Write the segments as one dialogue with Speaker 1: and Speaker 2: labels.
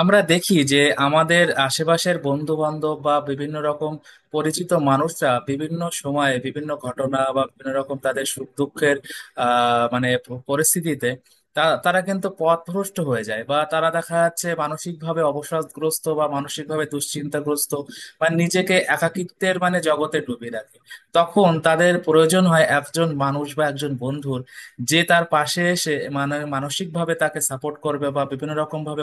Speaker 1: আমরা দেখি যে আমাদের আশেপাশের বন্ধু বান্ধব বা বিভিন্ন রকম পরিচিত মানুষরা বিভিন্ন সময়ে বিভিন্ন ঘটনা বা বিভিন্ন রকম তাদের সুখ দুঃখের মানে পরিস্থিতিতে তারা কিন্তু পথভ্রষ্ট হয়ে যায় বা তারা দেখা যাচ্ছে মানসিকভাবে অবসাদগ্রস্ত বা মানসিকভাবে দুশ্চিন্তাগ্রস্ত বা নিজেকে একাকিত্বের মানে জগতে ডুবিয়ে রাখে। তখন তাদের প্রয়োজন হয় একজন মানুষ বা একজন বন্ধুর, যে তার পাশে এসে মানে মানসিকভাবে তাকে সাপোর্ট করবে বা বিভিন্ন রকম ভাবে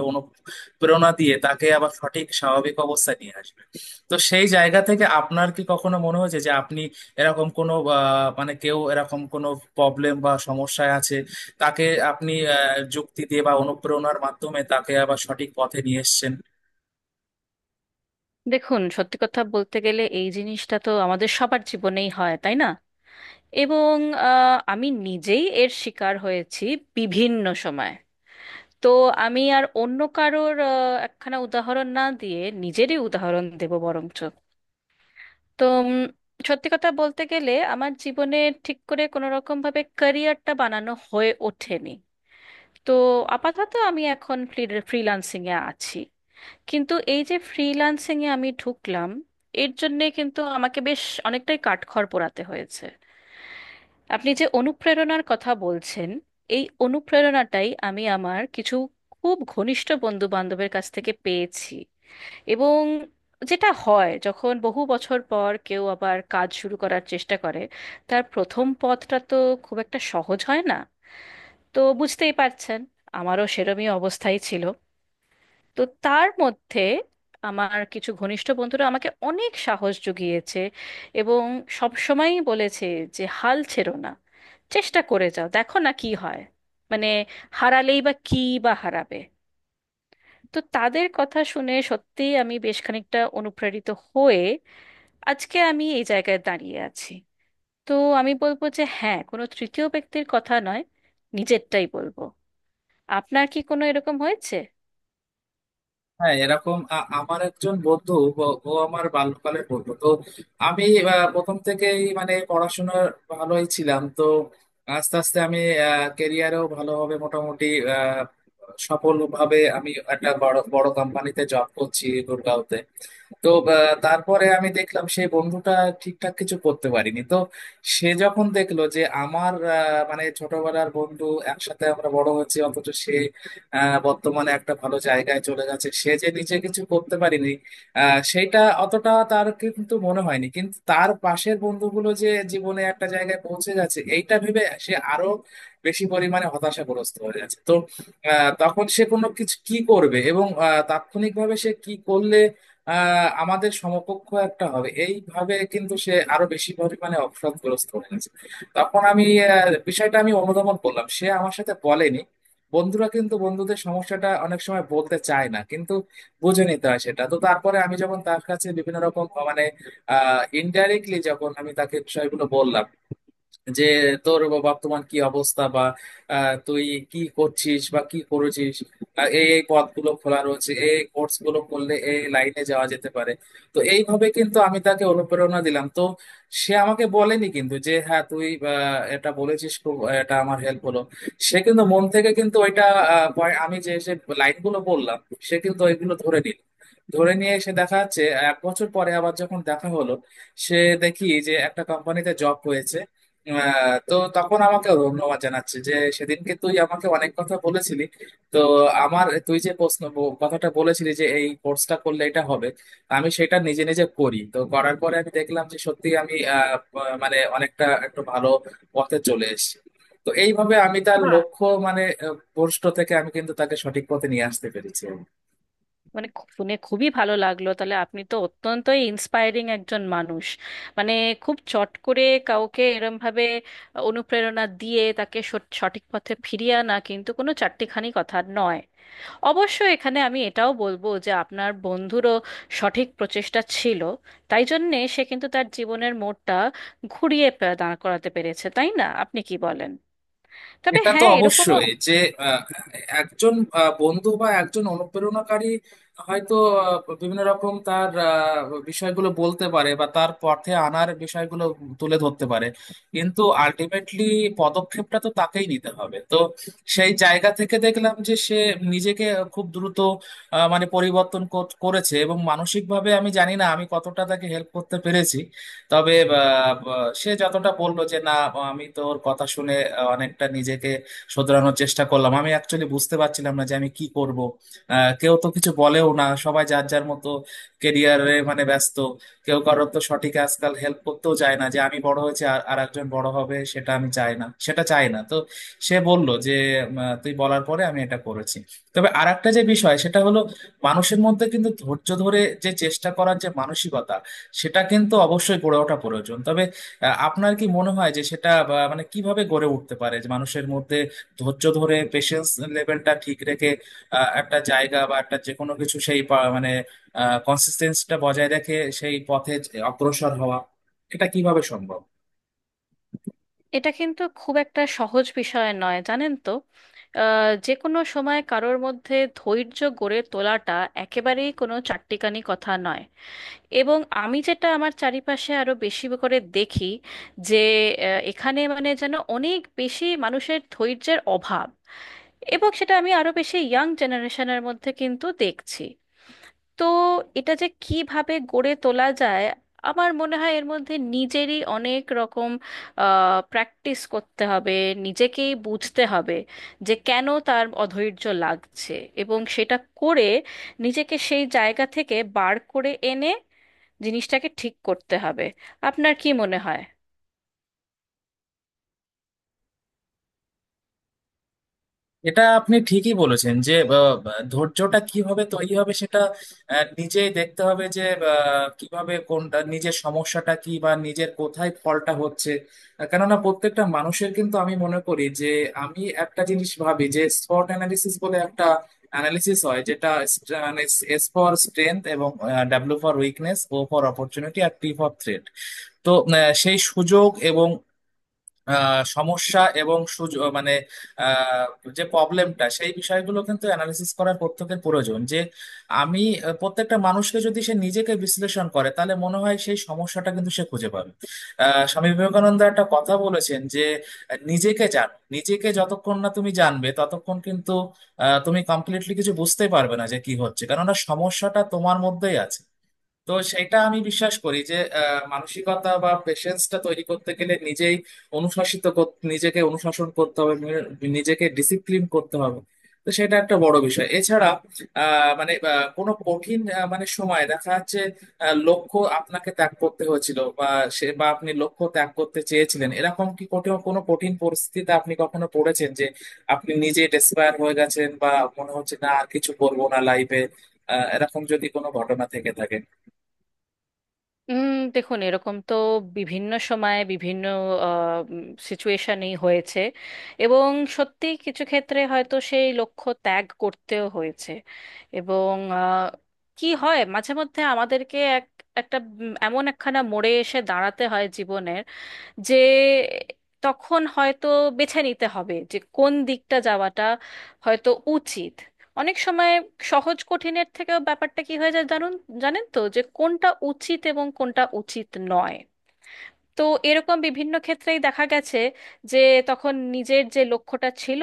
Speaker 1: প্রেরণা দিয়ে তাকে আবার সঠিক স্বাভাবিক অবস্থায় নিয়ে আসবে। তো সেই জায়গা থেকে আপনার কি কখনো মনে হয়েছে যে আপনি এরকম কোনো মানে কেউ এরকম কোনো প্রবলেম বা সমস্যায় আছে, তাকে আপনি যুক্তি দিয়ে বা অনুপ্রেরণার মাধ্যমে তাকে আবার সঠিক পথে নিয়ে এসেছেন?
Speaker 2: দেখুন, সত্যি কথা বলতে গেলে এই জিনিসটা তো আমাদের সবার জীবনেই হয়, তাই না? এবং আমি নিজেই এর শিকার হয়েছি বিভিন্ন সময়। তো আমি আর অন্য কারোর একখানা উদাহরণ না দিয়ে নিজেরই উদাহরণ দেব বরঞ্চ। তো সত্যি কথা বলতে গেলে আমার জীবনে ঠিক করে কোনো রকম ভাবে ক্যারিয়ারটা বানানো হয়ে ওঠেনি। তো আপাতত আমি এখন ফ্রিল্যান্সিং এ আছি, কিন্তু এই যে ফ্রিল্যান্সিং এ আমি ঢুকলাম, এর জন্যে কিন্তু আমাকে বেশ অনেকটাই কাঠখড় পোড়াতে হয়েছে। আপনি যে অনুপ্রেরণার কথা বলছেন, এই অনুপ্রেরণাটাই আমি আমার কিছু খুব ঘনিষ্ঠ বন্ধু বান্ধবের কাছ থেকে পেয়েছি। এবং যেটা হয়, যখন বহু বছর পর কেউ আবার কাজ শুরু করার চেষ্টা করে, তার প্রথম পথটা তো খুব একটা সহজ হয় না। তো বুঝতেই পারছেন, আমারও সেরমই অবস্থাই ছিল। তো তার মধ্যে আমার কিছু ঘনিষ্ঠ বন্ধুরা আমাকে অনেক সাহস জুগিয়েছে এবং সবসময়ই বলেছে যে হাল ছেড়ো না, চেষ্টা করে যাও, দেখো না কি হয়। মানে হারালেই বা কি, বা হারাবে। তো তাদের কথা শুনে সত্যিই আমি বেশ খানিকটা অনুপ্রাণিত হয়ে আজকে আমি এই জায়গায় দাঁড়িয়ে আছি। তো আমি বলবো যে হ্যাঁ, কোনো তৃতীয় ব্যক্তির কথা নয়, নিজেরটাই বলবো। আপনার কি কোনো এরকম হয়েছে?
Speaker 1: হ্যাঁ, এরকম আমার একজন বন্ধু, ও আমার বাল্যকালের বন্ধু। তো আমি প্রথম থেকেই মানে পড়াশোনা ভালোই ছিলাম। তো আস্তে আস্তে আমি কেরিয়ারেও ভালোভাবে মোটামুটি আহ, সফলভাবে আমি একটা বড় বড় কোম্পানিতে জব করছি গুরগাঁওতে। তো তারপরে আমি দেখলাম সেই বন্ধুটা ঠিকঠাক কিছু করতে পারিনি। তো সে যখন দেখলো যে আমার মানে ছোটবেলার বন্ধু, একসাথে আমরা বড় হয়েছি, অথচ সে বর্তমানে একটা ভালো জায়গায় চলে গেছে, সে যে নিজে কিছু করতে পারিনি সেইটা অতটা তার কিন্তু মনে হয়নি, কিন্তু তার পাশের বন্ধুগুলো যে জীবনে একটা জায়গায় পৌঁছে গেছে এইটা ভেবে সে আরো বেশি পরিমাণে হতাশাগ্রস্ত হয়ে গেছে। তো তখন সে কোনো কিছু কি করবে এবং তাৎক্ষণিকভাবে সে কি করলে আমাদের সমকক্ষ একটা হবে, এইভাবে কিন্তু সে আরো বেশি পরিমাণে অপরাধগ্রস্ত হয়ে গেছে। তখন আমি বিষয়টা আমি অনুধাবন করলাম, সে আমার সাথে বলেনি। বন্ধুরা কিন্তু বন্ধুদের সমস্যাটা অনেক সময় বলতে চায় না, কিন্তু বুঝে নিতে হয় সেটা। তো তারপরে আমি যখন তার কাছে বিভিন্ন রকম মানে ইনডাইরেক্টলি যখন আমি তাকে বিষয়গুলো বললাম, যে তোর বর্তমান কি অবস্থা, বা তুই কি করছিস বা কি করেছিস, এই এই পথগুলো খোলা রয়েছে, এই এই কোর্স গুলো করলে এই লাইনে যাওয়া যেতে পারে। তো এইভাবে কিন্তু আমি তাকে অনুপ্রেরণা দিলাম। তো সে আমাকে বলেনি কিন্তু, যে হ্যাঁ তুই এটা বলেছিস খুব এটা আমার হেল্প হলো। সে কিন্তু মন থেকে কিন্তু ওইটা আমি যে যে লাইনগুলো বললাম সে কিন্তু ওইগুলো ধরে নিল। ধরে নিয়ে এসে দেখা যাচ্ছে এক বছর পরে আবার যখন দেখা হলো, সে, দেখি যে একটা কোম্পানিতে জব হয়েছে। তো তখন আমাকে ধন্যবাদ জানাচ্ছে যে সেদিনকে তুই আমাকে অনেক কথা বলেছিলি। তো আমার তুই যে প্রশ্ন কথাটা বলেছিলি যে এই কোর্সটা করলে এটা হবে, আমি সেটা নিজে নিজে করি। তো করার পরে আমি দেখলাম যে সত্যি আমি আহ, আহ, মানে অনেকটা একটু ভালো পথে চলে এসেছি। তো এইভাবে আমি তার লক্ষ্য মানে ভ্রষ্ট থেকে আমি কিন্তু তাকে সঠিক পথে নিয়ে আসতে পেরেছি।
Speaker 2: মানে শুনে খুবই ভালো লাগলো। তাহলে আপনি তো অত্যন্তই ইন্সপায়ারিং একজন মানুষ। মানে খুব চট করে কাউকে এরম ভাবে অনুপ্রেরণা দিয়ে তাকে সঠিক পথে ফিরিয়ে আনা কিন্তু কোনো চারটিখানি কথা নয়। অবশ্য এখানে আমি এটাও বলবো যে আপনার বন্ধুরও সঠিক প্রচেষ্টা ছিল, তাই জন্যে সে কিন্তু তার জীবনের মোড়টা দাঁড় করাতে পেরেছে। তাই না, আপনি কি বলেন? তবে
Speaker 1: এটা তো
Speaker 2: হ্যাঁ, এরকমও
Speaker 1: অবশ্যই, যে আহ, একজন বন্ধু বা একজন অনুপ্রেরণাকারী হয়তো বিভিন্ন রকম তার বিষয়গুলো বলতে পারে বা তার পথে আনার বিষয়গুলো তুলে ধরতে পারে, কিন্তু আলটিমেটলি পদক্ষেপটা তো তাকেই নিতে হবে। তো সেই জায়গা থেকে দেখলাম যে সে নিজেকে খুব দ্রুত মানে পরিবর্তন করেছে, এবং মানসিকভাবে আমি জানি না আমি কতটা তাকে হেল্প করতে পেরেছি। তবে সে যতটা বললো যে না আমি তোর কথা শুনে অনেকটা নিজেকে শোধরানোর চেষ্টা করলাম, আমি অ্যাকচুয়ালি বুঝতে পারছিলাম না যে আমি কি করব। কেউ তো কিছু বলেও না, সবাই যার যার মতো কেরিয়ারে মানে ব্যস্ত। কেউ কারোর তো সঠিক আজকাল হেল্প করতেও চায় না, যে আমি বড় হয়েছি আর আর একজন বড় হবে সেটা আমি চাই না, সেটা চাই না। তো সে বলল যে তুই বলার পরে আমি এটা করেছি। তবে আর একটা যে বিষয় সেটা হলো, মানুষের মধ্যে কিন্তু ধৈর্য ধরে যে চেষ্টা করার যে মানসিকতা, সেটা কিন্তু অবশ্যই গড়ে ওঠা প্রয়োজন। তবে আপনার কি মনে হয় যে সেটা বা, মানে কিভাবে গড়ে উঠতে পারে, যে মানুষের মধ্যে ধৈর্য ধরে পেশেন্স লেভেলটা ঠিক রেখে একটা জায়গা বা একটা যে কোনো কিছু সেই মানে কনসিস্টেন্সিটা বজায় রেখে সেই পথে অগ্রসর হওয়া, এটা কিভাবে সম্ভব?
Speaker 2: এটা কিন্তু খুব একটা সহজ বিষয় নয়, জানেন তো। যে কোনো সময় কারোর মধ্যে ধৈর্য গড়ে তোলাটা একেবারেই কোনো চাট্টিখানি কথা নয়। এবং আমি যেটা আমার চারিপাশে আরো বেশি করে দেখি যে এখানে মানে যেন অনেক বেশি মানুষের ধৈর্যের অভাব, এবং সেটা আমি আরো বেশি ইয়াং জেনারেশনের মধ্যে কিন্তু দেখছি। তো এটা যে কিভাবে গড়ে তোলা যায়, আমার মনে হয় এর মধ্যে নিজেরই অনেক রকম প্র্যাকটিস করতে হবে, নিজেকেই বুঝতে হবে যে কেন তার অধৈর্য লাগছে, এবং সেটা করে নিজেকে সেই জায়গা থেকে বার করে এনে জিনিসটাকে ঠিক করতে হবে। আপনার কি মনে হয়?
Speaker 1: এটা আপনি ঠিকই বলেছেন, যে ধৈর্যটা কিভাবে তৈরি হবে সেটা নিজেই দেখতে হবে, যে কিভাবে কোনটা নিজের সমস্যাটা কি বা নিজের কোথায় ফলটা হচ্ছে। কেননা প্রত্যেকটা মানুষের কিন্তু আমি মনে করি যে, আমি একটা জিনিস ভাবি যে স্পট অ্যানালিসিস বলে একটা অ্যানালিসিস হয়, যেটা মানে এস ফর স্ট্রেংথ, এবং W for weakness, O for opportunity, আর টি ফর থ্রেট। তো সেই সুযোগ এবং সমস্যা এবং সুযোগ মানে আহ, যে প্রবলেমটা, সেই বিষয়গুলো কিন্তু অ্যানালিসিস করার প্রত্যেকের প্রয়োজন, যে আমি প্রত্যেকটা মানুষকে, যদি সে নিজেকে বিশ্লেষণ করে তাহলে মনে হয় সেই সমস্যাটা কিন্তু সে খুঁজে পাবে। স্বামী বিবেকানন্দ একটা কথা বলেছেন যে নিজেকে জানো, নিজেকে যতক্ষণ না তুমি জানবে ততক্ষণ কিন্তু তুমি কমপ্লিটলি কিছু বুঝতে পারবে না যে কি হচ্ছে, কেননা সমস্যাটা তোমার মধ্যেই আছে। তো সেটা আমি বিশ্বাস করি যে মানসিকতা বা পেশেন্সটা তৈরি করতে গেলে নিজেই নিজেকে অনুশাসন করতে হবে, নিজেকে ডিসিপ্লিন করতে হবে। তো সেটা একটা বড় বিষয়। এছাড়া মানে কোনো কঠিন মানে সময় দেখা যাচ্ছে লক্ষ্য আপনাকে ত্যাগ করতে হয়েছিল, বা সে বা আপনি লক্ষ্য ত্যাগ করতে চেয়েছিলেন, এরকম কি কোনো কোনো কঠিন পরিস্থিতিতে আপনি কখনো পড়েছেন যে আপনি নিজে ডেসপায়ার হয়ে গেছেন, বা মনে হচ্ছে না আর কিছু করবো না লাইফে, এরকম যদি কোনো ঘটনা থেকে থাকে?
Speaker 2: দেখুন, এরকম তো বিভিন্ন সময়ে বিভিন্ন সিচুয়েশনেই হয়েছে, এবং সত্যি কিছু ক্ষেত্রে হয়তো সেই লক্ষ্য ত্যাগ করতেও হয়েছে। এবং কি হয়, মাঝে মধ্যে আমাদেরকে এক একটা এমন একখানা মোড়ে এসে দাঁড়াতে হয় জীবনে, যে তখন হয়তো বেছে নিতে হবে যে কোন দিকটা যাওয়াটা হয়তো উচিত। অনেক সময় সহজ কঠিনের থেকেও ব্যাপারটা কি হয়ে যায় জানুন, জানেন তো, যে কোনটা উচিত এবং কোনটা উচিত নয়। তো এরকম বিভিন্ন ক্ষেত্রেই দেখা গেছে যে তখন নিজের যে লক্ষ্যটা ছিল,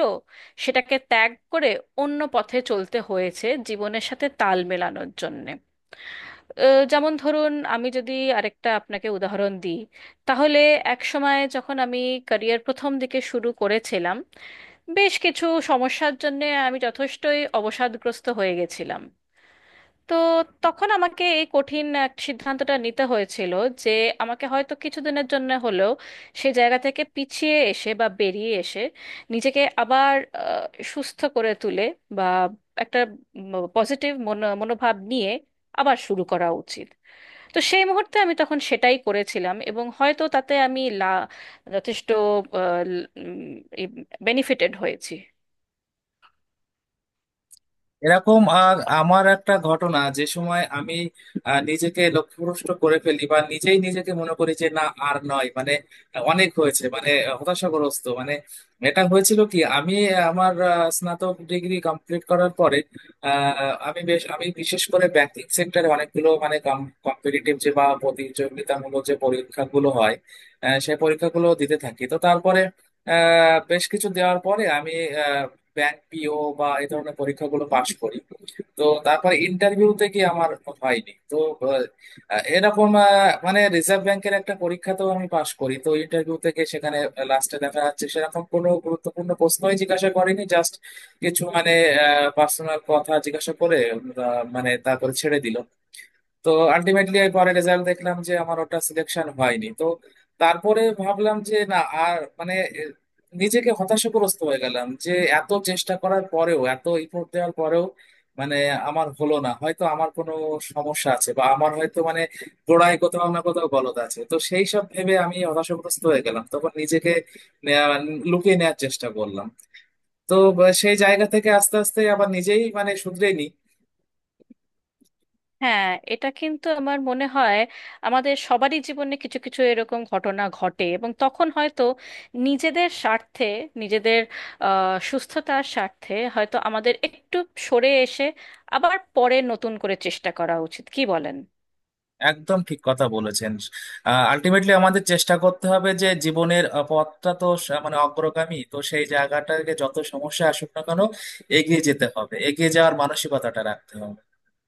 Speaker 2: সেটাকে ত্যাগ করে অন্য পথে চলতে হয়েছে জীবনের সাথে তাল মেলানোর জন্য। যেমন ধরুন, আমি যদি আরেকটা আপনাকে উদাহরণ দিই, তাহলে এক সময় যখন আমি ক্যারিয়ার প্রথম দিকে শুরু করেছিলাম, বেশ কিছু সমস্যার জন্য আমি যথেষ্টই অবসাদগ্রস্ত হয়ে গেছিলাম। তো তখন আমাকে এই কঠিন এক সিদ্ধান্তটা নিতে হয়েছিল যে আমাকে হয়তো কিছুদিনের জন্য হলেও সেই জায়গা থেকে পিছিয়ে এসে বা বেরিয়ে এসে নিজেকে আবার আহ, সুস্থ করে তুলে বা একটা পজিটিভ মনোভাব নিয়ে আবার শুরু করা উচিত। তো সেই মুহূর্তে আমি তখন সেটাই করেছিলাম, এবং হয়তো তাতে আমি যথেষ্ট বেনিফিটেড হয়েছি।
Speaker 1: এরকম আর আমার একটা ঘটনা, যে সময় আমি নিজেকে লক্ষ্যভ্রষ্ট করে ফেলি বা নিজেই নিজেকে মনে করি যে না আর নয় মানে অনেক হয়েছে মানে হতাশাগ্রস্ত মানে, এটা হয়েছিল কি আমি আমার স্নাতক ডিগ্রি কমপ্লিট করার পরে আমি বিশেষ করে ব্যাংকিং সেক্টরে অনেকগুলো মানে কম্পিটিটিভ যে বা প্রতিযোগিতামূলক যে পরীক্ষাগুলো হয়, সেই পরীক্ষাগুলো দিতে থাকি। তো তারপরে বেশ কিছু দেওয়ার পরে আমি ব্যাংক পিও বা এই ধরনের পরীক্ষাগুলো পাশ করি। তো তারপরে ইন্টারভিউতে কি আমার হয়নি। তো এরকম মানে রিজার্ভ ব্যাংকের একটা পরীক্ষাতেও আমি পাশ করি। তো ইন্টারভিউ থেকে সেখানে লাস্টে দেখা যাচ্ছে সেরকম কোনো গুরুত্বপূর্ণ প্রশ্নই জিজ্ঞাসা করেনি, জাস্ট কিছু মানে পার্সোনাল কথা জিজ্ঞাসা করে মানে তারপরে ছেড়ে দিল। তো আলটিমেটলি পরে রেজাল্ট দেখলাম যে আমার ওটা সিলেকশন হয়নি। তো তারপরে ভাবলাম যে না আর মানে নিজেকে হতাশাগ্রস্ত হয়ে গেলাম, যে এত চেষ্টা করার পরেও এত ইফোর্ট দেওয়ার পরেও মানে আমার হলো না, হয়তো আমার কোনো সমস্যা আছে, বা আমার হয়তো মানে গোড়ায় কোথাও না কোথাও গলদ আছে। তো সেই সব ভেবে আমি হতাশাগ্রস্ত হয়ে গেলাম, তখন নিজেকে আহ, লুকিয়ে নেওয়ার চেষ্টা করলাম। তো সেই জায়গা থেকে আস্তে আস্তে আবার নিজেই মানে শুধরে।
Speaker 2: হ্যাঁ, এটা কিন্তু আমার মনে হয় আমাদের সবারই জীবনে কিছু কিছু এরকম ঘটনা ঘটে, এবং তখন হয়তো নিজেদের স্বার্থে, নিজেদের সুস্থতার স্বার্থে হয়তো আমাদের একটু সরে এসে আবার পরে নতুন করে চেষ্টা করা উচিত। কি বলেন?
Speaker 1: একদম ঠিক কথা বলেছেন। আলটিমেটলি আমাদের চেষ্টা করতে হবে, যে জীবনের পথটা তো মানে অগ্রগামী, তো সেই জায়গাটাকে যত সমস্যা আসুক না কেন এগিয়ে যেতে হবে, এগিয়ে যাওয়ার মানসিকতাটা রাখতে হবে।